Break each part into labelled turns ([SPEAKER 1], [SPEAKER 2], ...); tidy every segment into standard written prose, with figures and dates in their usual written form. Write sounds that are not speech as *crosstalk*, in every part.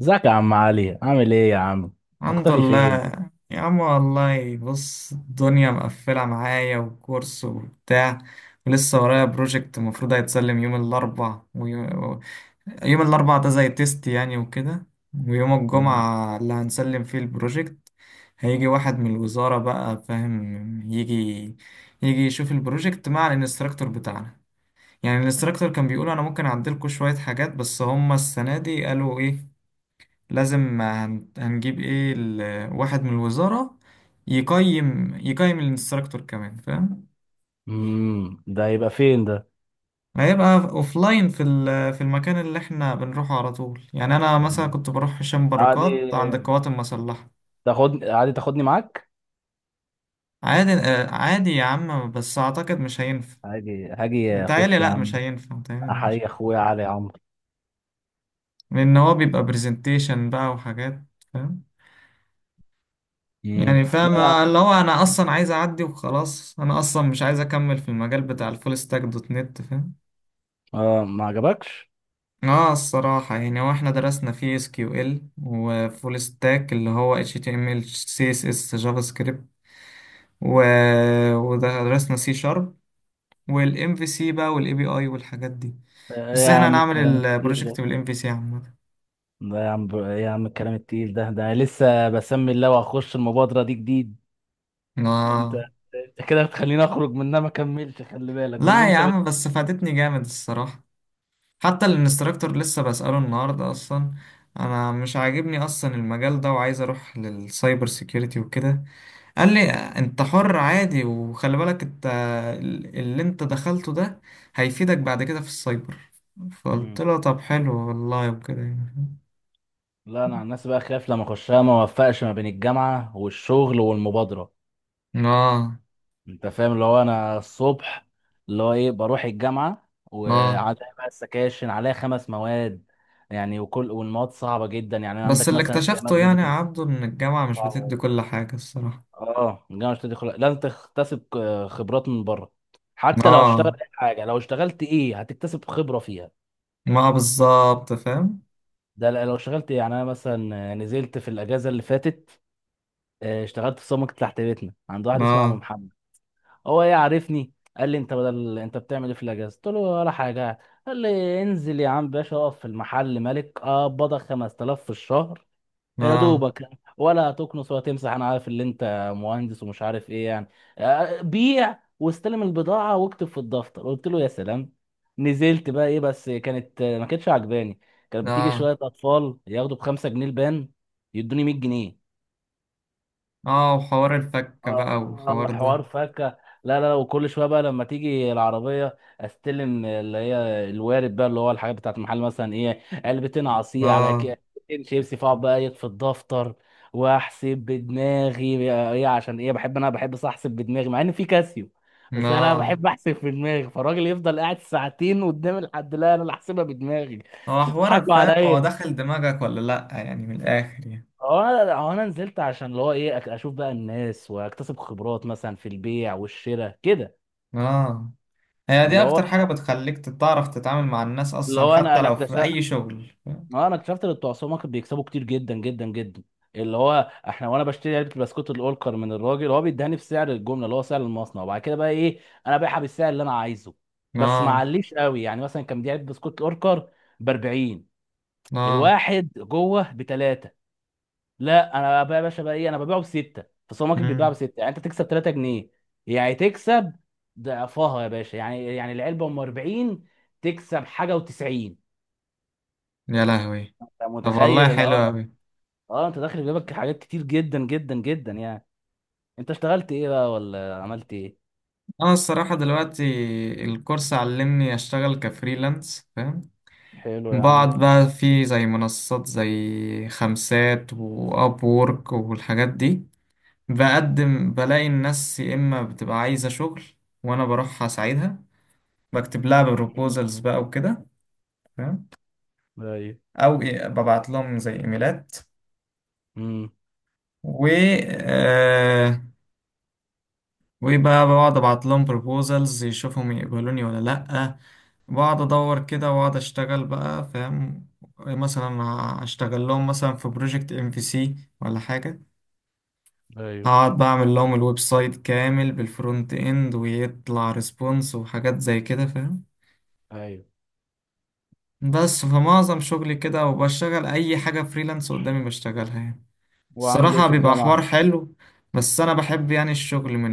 [SPEAKER 1] ازيك يا عم علي؟ عامل ايه يا عم؟
[SPEAKER 2] الحمد
[SPEAKER 1] مختفي
[SPEAKER 2] لله.
[SPEAKER 1] فين؟
[SPEAKER 2] يا عم والله بص، الدنيا مقفلة معايا وكورس وبتاع. ولسه ورايا بروجكت المفروض هيتسلم يوم الأربع، ويوم الأربع ده زي تيست يعني وكده. ويوم
[SPEAKER 1] مم.
[SPEAKER 2] الجمعة اللي هنسلم فيه البروجكت. هيجي واحد من الوزارة بقى، فاهم؟ يجي يشوف البروجكت مع الانستراكتور بتاعنا. يعني الانستراكتور كان بيقول أنا ممكن أعدلكوا شوية حاجات، بس هما السنة دي قالوا إيه؟ لازم هنجيب ايه واحد من الوزارة. يقيم الانستراكتور كمان، فاهم؟
[SPEAKER 1] مم. ده هيبقى فين ده؟
[SPEAKER 2] هيبقى اوفلاين في المكان اللي احنا بنروحه على طول، يعني انا مثلا
[SPEAKER 1] تمام.
[SPEAKER 2] كنت بروح هشام
[SPEAKER 1] عادي،
[SPEAKER 2] بركات عند القوات المسلحة.
[SPEAKER 1] تاخدني عادي، تاخدني معاك.
[SPEAKER 2] عادي، آه، عادي يا عم، بس اعتقد مش هينفع.
[SPEAKER 1] هاجي هاجي
[SPEAKER 2] متهيألي
[SPEAKER 1] اخش يا
[SPEAKER 2] لا مش
[SPEAKER 1] عم.
[SPEAKER 2] هينفع، متهيألي لا مش
[SPEAKER 1] احيي اخويا علي عمرو.
[SPEAKER 2] لان هو بيبقى برزنتيشن بقى وحاجات. فاهم؟
[SPEAKER 1] مم.
[SPEAKER 2] يعني
[SPEAKER 1] لا
[SPEAKER 2] فاهم؟
[SPEAKER 1] يا
[SPEAKER 2] آه،
[SPEAKER 1] عم.
[SPEAKER 2] اللي هو انا اصلا عايز اعدي وخلاص، انا اصلا مش عايز اكمل في المجال بتاع الفول ستاك دوت نت، فاهم؟
[SPEAKER 1] آه، ما عجبكش؟
[SPEAKER 2] اه، الصراحة يعني، هو احنا درسنا في SQL وفول ستاك اللي هو HTML، CSS، جافا سكريبت. و... ودرسنا C#. والام في سي بقى، والاي بي اي، والحاجات دي. بس
[SPEAKER 1] يا
[SPEAKER 2] احنا
[SPEAKER 1] عم
[SPEAKER 2] هنعمل
[SPEAKER 1] الكلام الكتير ده،
[SPEAKER 2] البروجكت بالام في سي عامة.
[SPEAKER 1] يا عم الكلام التقيل ده، ده لسه بسمي الله واخش المبادرة دي جديد. انت
[SPEAKER 2] اه.
[SPEAKER 1] انت كده بتخليني اخرج منها ما كملش. خلي بالك باللي
[SPEAKER 2] لا يا
[SPEAKER 1] انت.
[SPEAKER 2] عم، بس فادتني جامد الصراحة. حتى الانستراكتور لسه بسأله النهاردة اصلا. انا مش عاجبني اصلا المجال ده، وعايز اروح للسايبر سيكيورتي وكده. قال لي انت حر عادي، وخلي بالك انت اللي انت دخلته ده هيفيدك بعد كده في السايبر. فقلت
[SPEAKER 1] مم.
[SPEAKER 2] له طب حلو والله وكده يعني.
[SPEAKER 1] لا، انا عن نفسي بقى خايف لما اخشها ما اوفقش ما بين الجامعه والشغل والمبادره.
[SPEAKER 2] اه.
[SPEAKER 1] انت فاهم؟ اللي هو انا الصبح اللي هو ايه، بروح الجامعه
[SPEAKER 2] اه.
[SPEAKER 1] وعليها بقى السكاشن، عليها خمس مواد يعني. وكل والمواد صعبه جدا يعني،
[SPEAKER 2] بس
[SPEAKER 1] عندك
[SPEAKER 2] اللي
[SPEAKER 1] مثلا زي
[SPEAKER 2] اكتشفته
[SPEAKER 1] ماده
[SPEAKER 2] يعني يا
[SPEAKER 1] الروبوتكس
[SPEAKER 2] عبده، ان الجامعة مش
[SPEAKER 1] صعبه
[SPEAKER 2] بتدي
[SPEAKER 1] أوي.
[SPEAKER 2] كل حاجة الصراحة.
[SPEAKER 1] اه، الجامعه مش تدخل، لازم تكتسب خبرات من بره. حتى لو هتشتغل
[SPEAKER 2] اه،
[SPEAKER 1] اي حاجه، لو اشتغلت ايه هتكتسب خبره فيها.
[SPEAKER 2] ما بالظبط، فاهم.
[SPEAKER 1] ده لا- لو اشتغلت إيه؟ يعني انا مثلا نزلت في الاجازه اللي فاتت. اشتغلت في سمك تحت بيتنا عند واحد اسمه عم
[SPEAKER 2] اه.
[SPEAKER 1] محمد. هو ايه، عارفني، قال لي انت بدل، انت بتعمل ايه في الاجازه؟ قلت له ولا حاجه. قال لي انزل يا عم باشا اقف في المحل ملك، اقبضك 5000 في الشهر. يا
[SPEAKER 2] اه.
[SPEAKER 1] دوبك، ولا هتكنس ولا تمسح، انا عارف ان انت مهندس ومش عارف ايه يعني. بيع واستلم البضاعه واكتب في الدفتر. قلت له يا سلام. نزلت بقى ايه، بس كانت ما كانتش عجباني. كانت بتيجي
[SPEAKER 2] اه.
[SPEAKER 1] شويه اطفال ياخدوا بخمسة جنيه البان، يدوني 100 جنيه.
[SPEAKER 2] اه. وحوار
[SPEAKER 1] اه.
[SPEAKER 2] الفكة بقى والحوار
[SPEAKER 1] حوار
[SPEAKER 2] ده.
[SPEAKER 1] فاكهة. لا لا لا، وكل شويه بقى لما تيجي العربيه استلم اللي هي الوارد بقى، اللي هو الحاجات بتاعت المحل، مثلا ايه، علبتين عصير على
[SPEAKER 2] اه.
[SPEAKER 1] كيكتين شيبسي، فاقعد بقى ايه في الدفتر واحسب بدماغي. ايه عشان ايه، بحب، انا بحب صح احسب بدماغي مع ان في كاسيو، بس انا
[SPEAKER 2] اه.
[SPEAKER 1] بحب احسب في دماغي. فالراجل يفضل قاعد ساعتين قدام الحد، لا انا اللي احسبها بدماغي. مش
[SPEAKER 2] هو حوار
[SPEAKER 1] تضحكوا
[SPEAKER 2] فاهم، هو
[SPEAKER 1] عليا.
[SPEAKER 2] دخل دماغك ولا لأ؟ يعني من الآخر يعني.
[SPEAKER 1] هو انا نزلت عشان اللي هو ايه، اشوف بقى الناس واكتسب خبرات مثلا في البيع والشراء كده.
[SPEAKER 2] اه، هي دي
[SPEAKER 1] اللي هو
[SPEAKER 2] اكتر حاجة بتخليك تعرف تتعامل مع الناس
[SPEAKER 1] اللي
[SPEAKER 2] اصلا،
[SPEAKER 1] هو انا
[SPEAKER 2] حتى
[SPEAKER 1] انا
[SPEAKER 2] لو في
[SPEAKER 1] اكتشفت.
[SPEAKER 2] اي شغل.
[SPEAKER 1] انا اكتشفت ان بتوع السوبر ماركت بيكسبوا كتير جدا جدا جدا. اللي هو احنا، وانا بشتري علبه البسكوت الاولكر من الراجل، هو بيديهاني بسعر الجمله، اللي هو سعر المصنع، وبعد كده بقى ايه انا بايعها بالسعر اللي انا عايزه. بس ما
[SPEAKER 2] اه.
[SPEAKER 1] عليش قوي، يعني مثلا كان بيديها علبه بسكوت الاوركر ب 40،
[SPEAKER 2] اه.
[SPEAKER 1] الواحد جوه بثلاثه. لا انا بقى يا باشا بقى ايه، انا ببيعه بستة. في السوبر ماركت بيتباع
[SPEAKER 2] امم.
[SPEAKER 1] بستة، يعني انت تكسب 3 جنيه. يعني تكسب ضعفها يا باشا يعني. يعني العلبه ام 40 تكسب حاجه و90.
[SPEAKER 2] يا لهوي!
[SPEAKER 1] انت
[SPEAKER 2] طب والله
[SPEAKER 1] متخيل اللي
[SPEAKER 2] حلو
[SPEAKER 1] هو؟
[SPEAKER 2] أوي.
[SPEAKER 1] اه، انت داخل في جيبك حاجات كتير جدا جدا جدا يعني. انت اشتغلت ايه بقى، ولا عملت ايه؟
[SPEAKER 2] أنا الصراحة دلوقتي، الكورس علمني أشتغل كفريلانس، فاهم؟
[SPEAKER 1] حلو يا عم.
[SPEAKER 2] بقعد بقى في زي منصات زي خمسات وأب وورك والحاجات دي. بقدم بلاقي الناس يا إما بتبقى عايزة شغل، وأنا بروح أساعدها. بكتب لها
[SPEAKER 1] مم.
[SPEAKER 2] بروبوزلز بقى وكده.
[SPEAKER 1] ايوه.
[SPEAKER 2] او ببعت لهم زي ايميلات.
[SPEAKER 1] امم.
[SPEAKER 2] و آه وبقى بقعد ابعت لهم بروبوزلز، يشوفهم يقبلوني ولا لا. بقعد ادور كده واقعد اشتغل بقى، فاهم؟ مثلا هشتغل لهم مثلا في بروجكت MVC ولا حاجه.
[SPEAKER 1] ايوه.
[SPEAKER 2] اقعد بعمل لهم الويب سايت كامل بالفرونت اند، ويطلع ريسبونس، وحاجات زي كده، فاهم؟
[SPEAKER 1] ايوه.
[SPEAKER 2] بس فمعظم شغلي كده، وبشتغل اي حاجه فريلانس قدامي بشتغلها يعني.
[SPEAKER 1] وعامل ايه
[SPEAKER 2] الصراحة
[SPEAKER 1] في
[SPEAKER 2] بيبقى
[SPEAKER 1] الجامعه؟
[SPEAKER 2] حوار حلو. بس أنا بحب يعني الشغل من،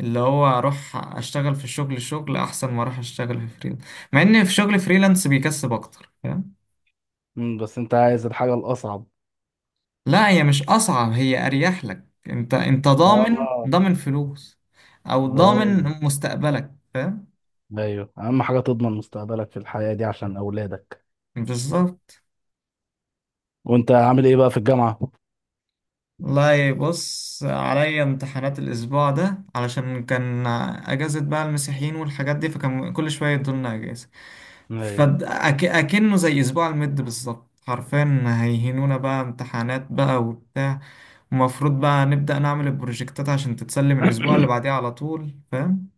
[SPEAKER 2] اللي هو أروح أشتغل في الشغل، شغل أحسن ما أروح أشتغل في فريلانس. مع إن في شغل فريلانس بيكسب أكتر، فاهم؟
[SPEAKER 1] امم، بس انت عايز الحاجه الاصعب.
[SPEAKER 2] لا، هي مش أصعب، هي أريح لك، أنت ضامن،
[SPEAKER 1] اه.
[SPEAKER 2] ضامن فلوس. أو
[SPEAKER 1] اه.
[SPEAKER 2] ضامن مستقبلك، فاهم؟
[SPEAKER 1] ايوه، اهم حاجه تضمن مستقبلك في الحياه دي عشان اولادك.
[SPEAKER 2] بالظبط.
[SPEAKER 1] وانت عامل ايه بقى في الجامعه؟
[SPEAKER 2] والله بص، عليا امتحانات الأسبوع ده علشان كان أجازة بقى المسيحيين والحاجات دي، فكان كل شوية يدولنا أجازة.
[SPEAKER 1] ايوه.
[SPEAKER 2] فأكنه زي أسبوع المد بالظبط حرفيا، هيهنونا بقى امتحانات بقى وبتاع. ومفروض بقى نبدأ نعمل البروجكتات عشان تتسلم الأسبوع اللي بعديه على طول، فاهم؟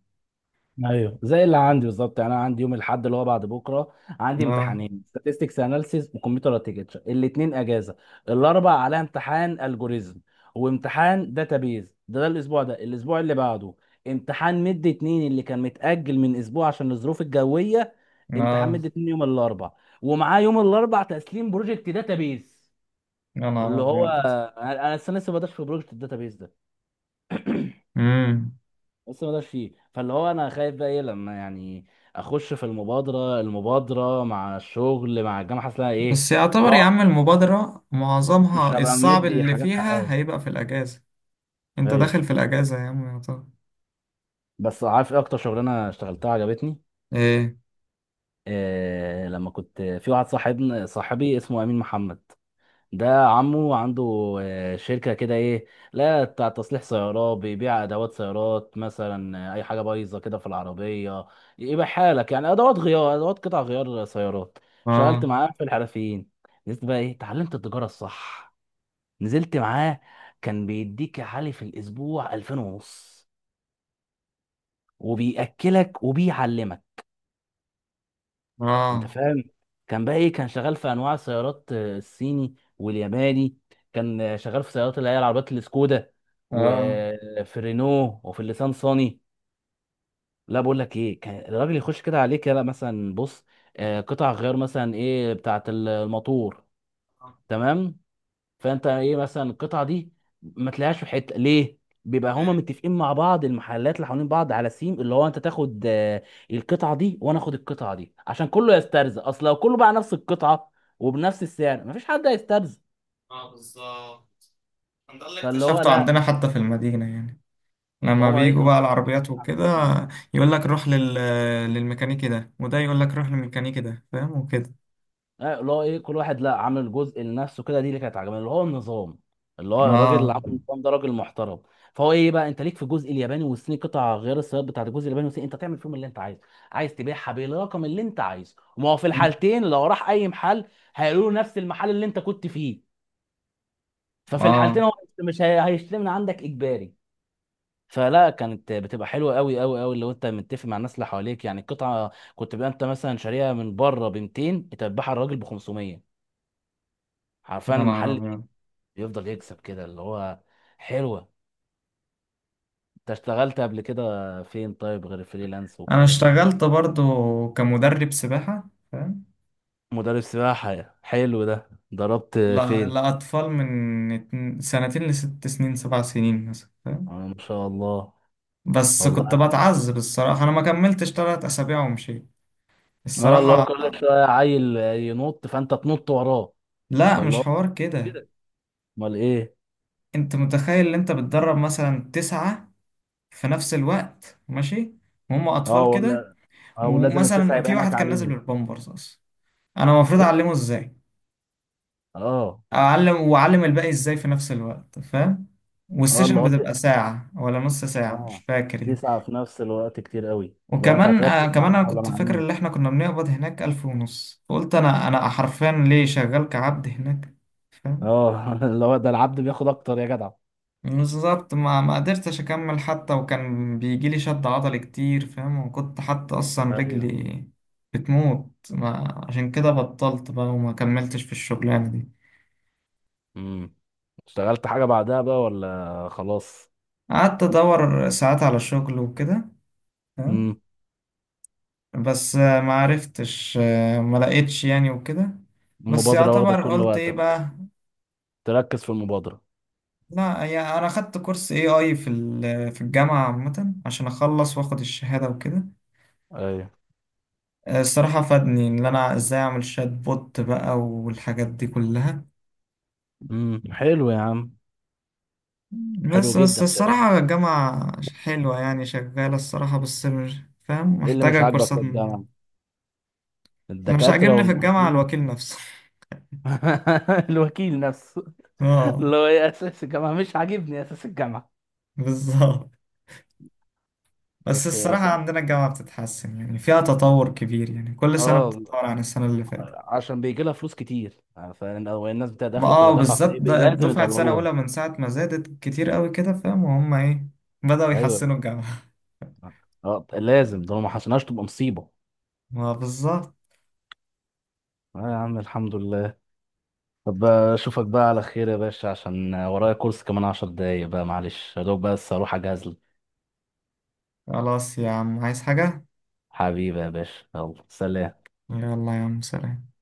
[SPEAKER 1] ايوه، زي اللي عندي بالظبط يعني. انا عندي يوم الاحد اللي هو بعد بكره عندي
[SPEAKER 2] اه.
[SPEAKER 1] امتحانين، statistics analysis وكمبيوتر architecture. الاثنين اجازه. الاربع عليها امتحان الجوريزم وامتحان داتابيز. ده الاسبوع ده، الاسبوع اللي بعده امتحان مد اتنين اللي كان متاجل من اسبوع عشان الظروف الجويه. امتحان
[SPEAKER 2] اه.
[SPEAKER 1] مد اتنين يوم الاربع، ومعاه يوم الاربع تسليم بروجكت داتابيز.
[SPEAKER 2] يا نهار
[SPEAKER 1] اللي هو
[SPEAKER 2] أبيض!
[SPEAKER 1] انا لسه بدأت في بروجكت الداتابيز ده.
[SPEAKER 2] مم.
[SPEAKER 1] بس ما ده فيه، فاللي هو انا خايف بقى ايه لما يعني اخش في المبادره مع الشغل مع الجامعه، حاسس لها ايه.
[SPEAKER 2] بس يعتبر يا عم،
[SPEAKER 1] لا،
[SPEAKER 2] المبادرة
[SPEAKER 1] مش
[SPEAKER 2] معظمها
[SPEAKER 1] هبقى
[SPEAKER 2] الصعب
[SPEAKER 1] مدي
[SPEAKER 2] اللي
[SPEAKER 1] حاجات
[SPEAKER 2] فيها
[SPEAKER 1] حقها.
[SPEAKER 2] هيبقى في الأجازة. أنت
[SPEAKER 1] ايوه.
[SPEAKER 2] داخل في الأجازة يا عم يعتبر.
[SPEAKER 1] بس عارف ايه اكتر شغلانه اشتغلتها عجبتني؟
[SPEAKER 2] إيه؟
[SPEAKER 1] إيه، لما كنت في واحد صاحبنا، صاحبي اسمه امين محمد، ده عمه عنده شركة كده ايه، لا بتاع تصليح سيارات، بيبيع ادوات سيارات مثلا، اي حاجة بايظة كده في العربية يبقى حالك، يعني ادوات غيار، ادوات قطع غيار سيارات. شغلت
[SPEAKER 2] اه.
[SPEAKER 1] معاه في الحرفيين. نزلت بقى ايه، اتعلمت التجارة الصح. نزلت معاه، كان بيديك يا علي في الاسبوع 2000 ونص، وبيأكلك وبيعلمك. انت
[SPEAKER 2] آه.
[SPEAKER 1] فاهم؟ كان بقى ايه، كان شغال في انواع السيارات، الصيني والياباني. كان شغال في سيارات اللي هي العربيات السكودا
[SPEAKER 2] اه.
[SPEAKER 1] وفي الرينو وفي الليسان صاني. لا، بقول لك ايه، كان الراجل يخش كده عليك، يلا مثلا بص، قطع غيار مثلا ايه بتاعت الموتور، تمام. فانت ايه مثلا القطعه دي ما تلاقيهاش في حته ليه؟ بيبقى هما
[SPEAKER 2] ايه.
[SPEAKER 1] متفقين مع بعض، المحلات اللي حوالين بعض على سيم، اللي هو انت تاخد القطعه دي وانا اخد القطعه دي عشان كله يسترزق. اصل لو كله باع نفس القطعه وبنفس السعر مفيش حد هيسترزق.
[SPEAKER 2] اه. بالظبط، ده اللي
[SPEAKER 1] فاللي هو
[SPEAKER 2] اكتشفته
[SPEAKER 1] لا،
[SPEAKER 2] عندنا حتى في المدينة يعني. لما
[SPEAKER 1] فهم ايه
[SPEAKER 2] بيجوا
[SPEAKER 1] كانوا
[SPEAKER 2] بقى العربيات
[SPEAKER 1] على
[SPEAKER 2] وكده،
[SPEAKER 1] السيم.
[SPEAKER 2] يقول لك روح للميكانيكي ده، وده يقول لك روح للميكانيكي ده، فاهم؟ وكده.
[SPEAKER 1] اللي هو ايه، كل واحد لا عامل جزء لنفسه كده، دي اللي كانت عجباني، اللي هو النظام، اللي هو الراجل اللي
[SPEAKER 2] اه.
[SPEAKER 1] عامل النظام ده راجل محترم. فهو ايه بقى، انت ليك في الجزء الياباني والصيني، قطع غير السيارات بتاعت الجزء الياباني والصيني انت تعمل فيهم اللي انت عايزه. عايز تبيعها بالرقم اللي انت عايزه. وما هو في الحالتين لو راح اي محل هيقولوا له نفس المحل اللي انت كنت فيه. ففي
[SPEAKER 2] اه.
[SPEAKER 1] الحالتين هو مش هيشتري من عندك اجباري. فلا، كانت بتبقى حلوه قوي قوي قوي لو انت متفق مع الناس اللي حواليك، يعني القطعه كنت بقى انت مثلا شاريها من بره ب 200، انت بتبيعها الراجل ب 500. عارفان
[SPEAKER 2] يا نهار
[SPEAKER 1] المحل
[SPEAKER 2] ابيض!
[SPEAKER 1] يفضل يكسب كده اللي هو حلوة. انت اشتغلت قبل كده فين طيب، غير فريلانس
[SPEAKER 2] انا
[SPEAKER 1] والكلام ده؟
[SPEAKER 2] اشتغلت برضو كمدرب سباحة، فاهم؟
[SPEAKER 1] مدرب سباحة؟ حلو، ده ضربت
[SPEAKER 2] لا،
[SPEAKER 1] فين؟
[SPEAKER 2] لأطفال من سنتين لست سنين 7 سنين مثلا، فاهم؟
[SPEAKER 1] ما شاء الله.
[SPEAKER 2] بس كنت
[SPEAKER 1] والله.
[SPEAKER 2] بتعذب الصراحة، أنا ما كملتش 3 أسابيع ومشيت.
[SPEAKER 1] اه، اللي هو
[SPEAKER 2] الصراحة.
[SPEAKER 1] كل شوية عيل ينط فانت تنط وراه،
[SPEAKER 2] لا
[SPEAKER 1] فاللي
[SPEAKER 2] مش
[SPEAKER 1] هو
[SPEAKER 2] حوار كده.
[SPEAKER 1] كده. امال ايه؟
[SPEAKER 2] أنت متخيل إن أنت بتدرب مثلا 9 في نفس الوقت، ماشي؟ وهم
[SPEAKER 1] اه،
[SPEAKER 2] اطفال كده.
[SPEAKER 1] ولا. اه، لازم التسعة
[SPEAKER 2] ومثلا
[SPEAKER 1] يبقى
[SPEAKER 2] في
[SPEAKER 1] عينك
[SPEAKER 2] واحد كان نازل
[SPEAKER 1] عليهم.
[SPEAKER 2] بالبامبرز اصلا، انا المفروض
[SPEAKER 1] ايه؟
[SPEAKER 2] اعلمه ازاي؟
[SPEAKER 1] اه.
[SPEAKER 2] اعلم واعلم الباقي ازاي في نفس الوقت، فاهم؟
[SPEAKER 1] اه، اللي
[SPEAKER 2] والسيشن
[SPEAKER 1] هو
[SPEAKER 2] بتبقى ساعة ولا نص ساعة، مش
[SPEAKER 1] اه،
[SPEAKER 2] فاكر يعني.
[SPEAKER 1] تسعة في نفس الوقت كتير قوي، لو انت
[SPEAKER 2] وكمان
[SPEAKER 1] هتركز مع
[SPEAKER 2] كمان
[SPEAKER 1] مين
[SPEAKER 2] أنا
[SPEAKER 1] ولا
[SPEAKER 2] كنت
[SPEAKER 1] مع
[SPEAKER 2] فاكر
[SPEAKER 1] مين.
[SPEAKER 2] إن إحنا كنا بنقبض هناك 1500، قلت أنا حرفيا ليه شغال كعبد هناك.
[SPEAKER 1] اه، *laughs* اللي هو ده العبد بياخد اكتر يا جدع.
[SPEAKER 2] بالظبط، ما قدرتش اكمل حتى، وكان بيجي لي شد عضلي كتير، فاهم؟ وكنت حتى اصلا
[SPEAKER 1] ايوه.
[SPEAKER 2] رجلي بتموت، ما عشان كده بطلت بقى، وما كملتش في الشغلانة دي.
[SPEAKER 1] امم. اشتغلت حاجة بعدها بقى ولا خلاص؟
[SPEAKER 2] قعدت ادور ساعات على شغل وكده، فاهم؟
[SPEAKER 1] امم.
[SPEAKER 2] بس ما عرفتش، ما لقيتش يعني وكده. بس
[SPEAKER 1] المبادرة واخدة
[SPEAKER 2] يعتبر،
[SPEAKER 1] كل
[SPEAKER 2] قلت ايه
[SPEAKER 1] وقتك،
[SPEAKER 2] بقى.
[SPEAKER 1] تركز في المبادرة.
[SPEAKER 2] لا يعني، انا خدت كورس AI في الجامعة عامة، عشان اخلص واخد الشهادة وكده.
[SPEAKER 1] ايوه.
[SPEAKER 2] الصراحة فادني إن أنا إزاي أعمل شات بوت بقى والحاجات دي كلها.
[SPEAKER 1] امم، حلو يا عم. حلو
[SPEAKER 2] بس
[SPEAKER 1] جدا كده.
[SPEAKER 2] الصراحة الجامعة حلوة يعني، شغالة الصراحة، بس مش فاهم،
[SPEAKER 1] ايه اللي مش
[SPEAKER 2] محتاجة
[SPEAKER 1] عاجبك في
[SPEAKER 2] كورسات
[SPEAKER 1] الجامعة؟
[SPEAKER 2] أنا مش
[SPEAKER 1] الدكاترة
[SPEAKER 2] عاجبني في الجامعة
[SPEAKER 1] والمعيدين؟
[SPEAKER 2] الوكيل نفسه. *laughs*
[SPEAKER 1] *laughs* الوكيل نفسه.
[SPEAKER 2] اه،
[SPEAKER 1] اللي هو ايه، اساس الجامعه مش عاجبني، اساس الجامعه.
[SPEAKER 2] بالظبط. بس
[SPEAKER 1] بس
[SPEAKER 2] الصراحة
[SPEAKER 1] الجام-
[SPEAKER 2] عندنا الجامعة بتتحسن، يعني فيها تطور كبير يعني، كل سنة
[SPEAKER 1] اه،
[SPEAKER 2] بتتطور عن السنة اللي فاتت.
[SPEAKER 1] عشان بيجي لها فلوس كتير، فالناس بتاع
[SPEAKER 2] ما
[SPEAKER 1] داخله بتبقى
[SPEAKER 2] اه،
[SPEAKER 1] دافعه،
[SPEAKER 2] بالذات
[SPEAKER 1] فايه لازم
[SPEAKER 2] دفعة سنة
[SPEAKER 1] يطوروها.
[SPEAKER 2] أولى من ساعة ما زادت كتير قوي كده، فاهم؟ وهم إيه، بدأوا
[SPEAKER 1] ايوه.
[SPEAKER 2] يحسنوا الجامعة.
[SPEAKER 1] اه، لازم، ده لو ما حسناش تبقى مصيبه.
[SPEAKER 2] *laughs* ما بالظبط.
[SPEAKER 1] اه يا عم، الحمد لله. طب اشوفك بقى على خير يا باشا، عشان ورايا كورس كمان عشر دقايق بقى، معلش، يا دوب بس اروح اجهز لك.
[SPEAKER 2] خلاص يا عم، عايز حاجة؟
[SPEAKER 1] حبيبي يا باشا، يلا سلام.
[SPEAKER 2] يلا يا عم، سلام.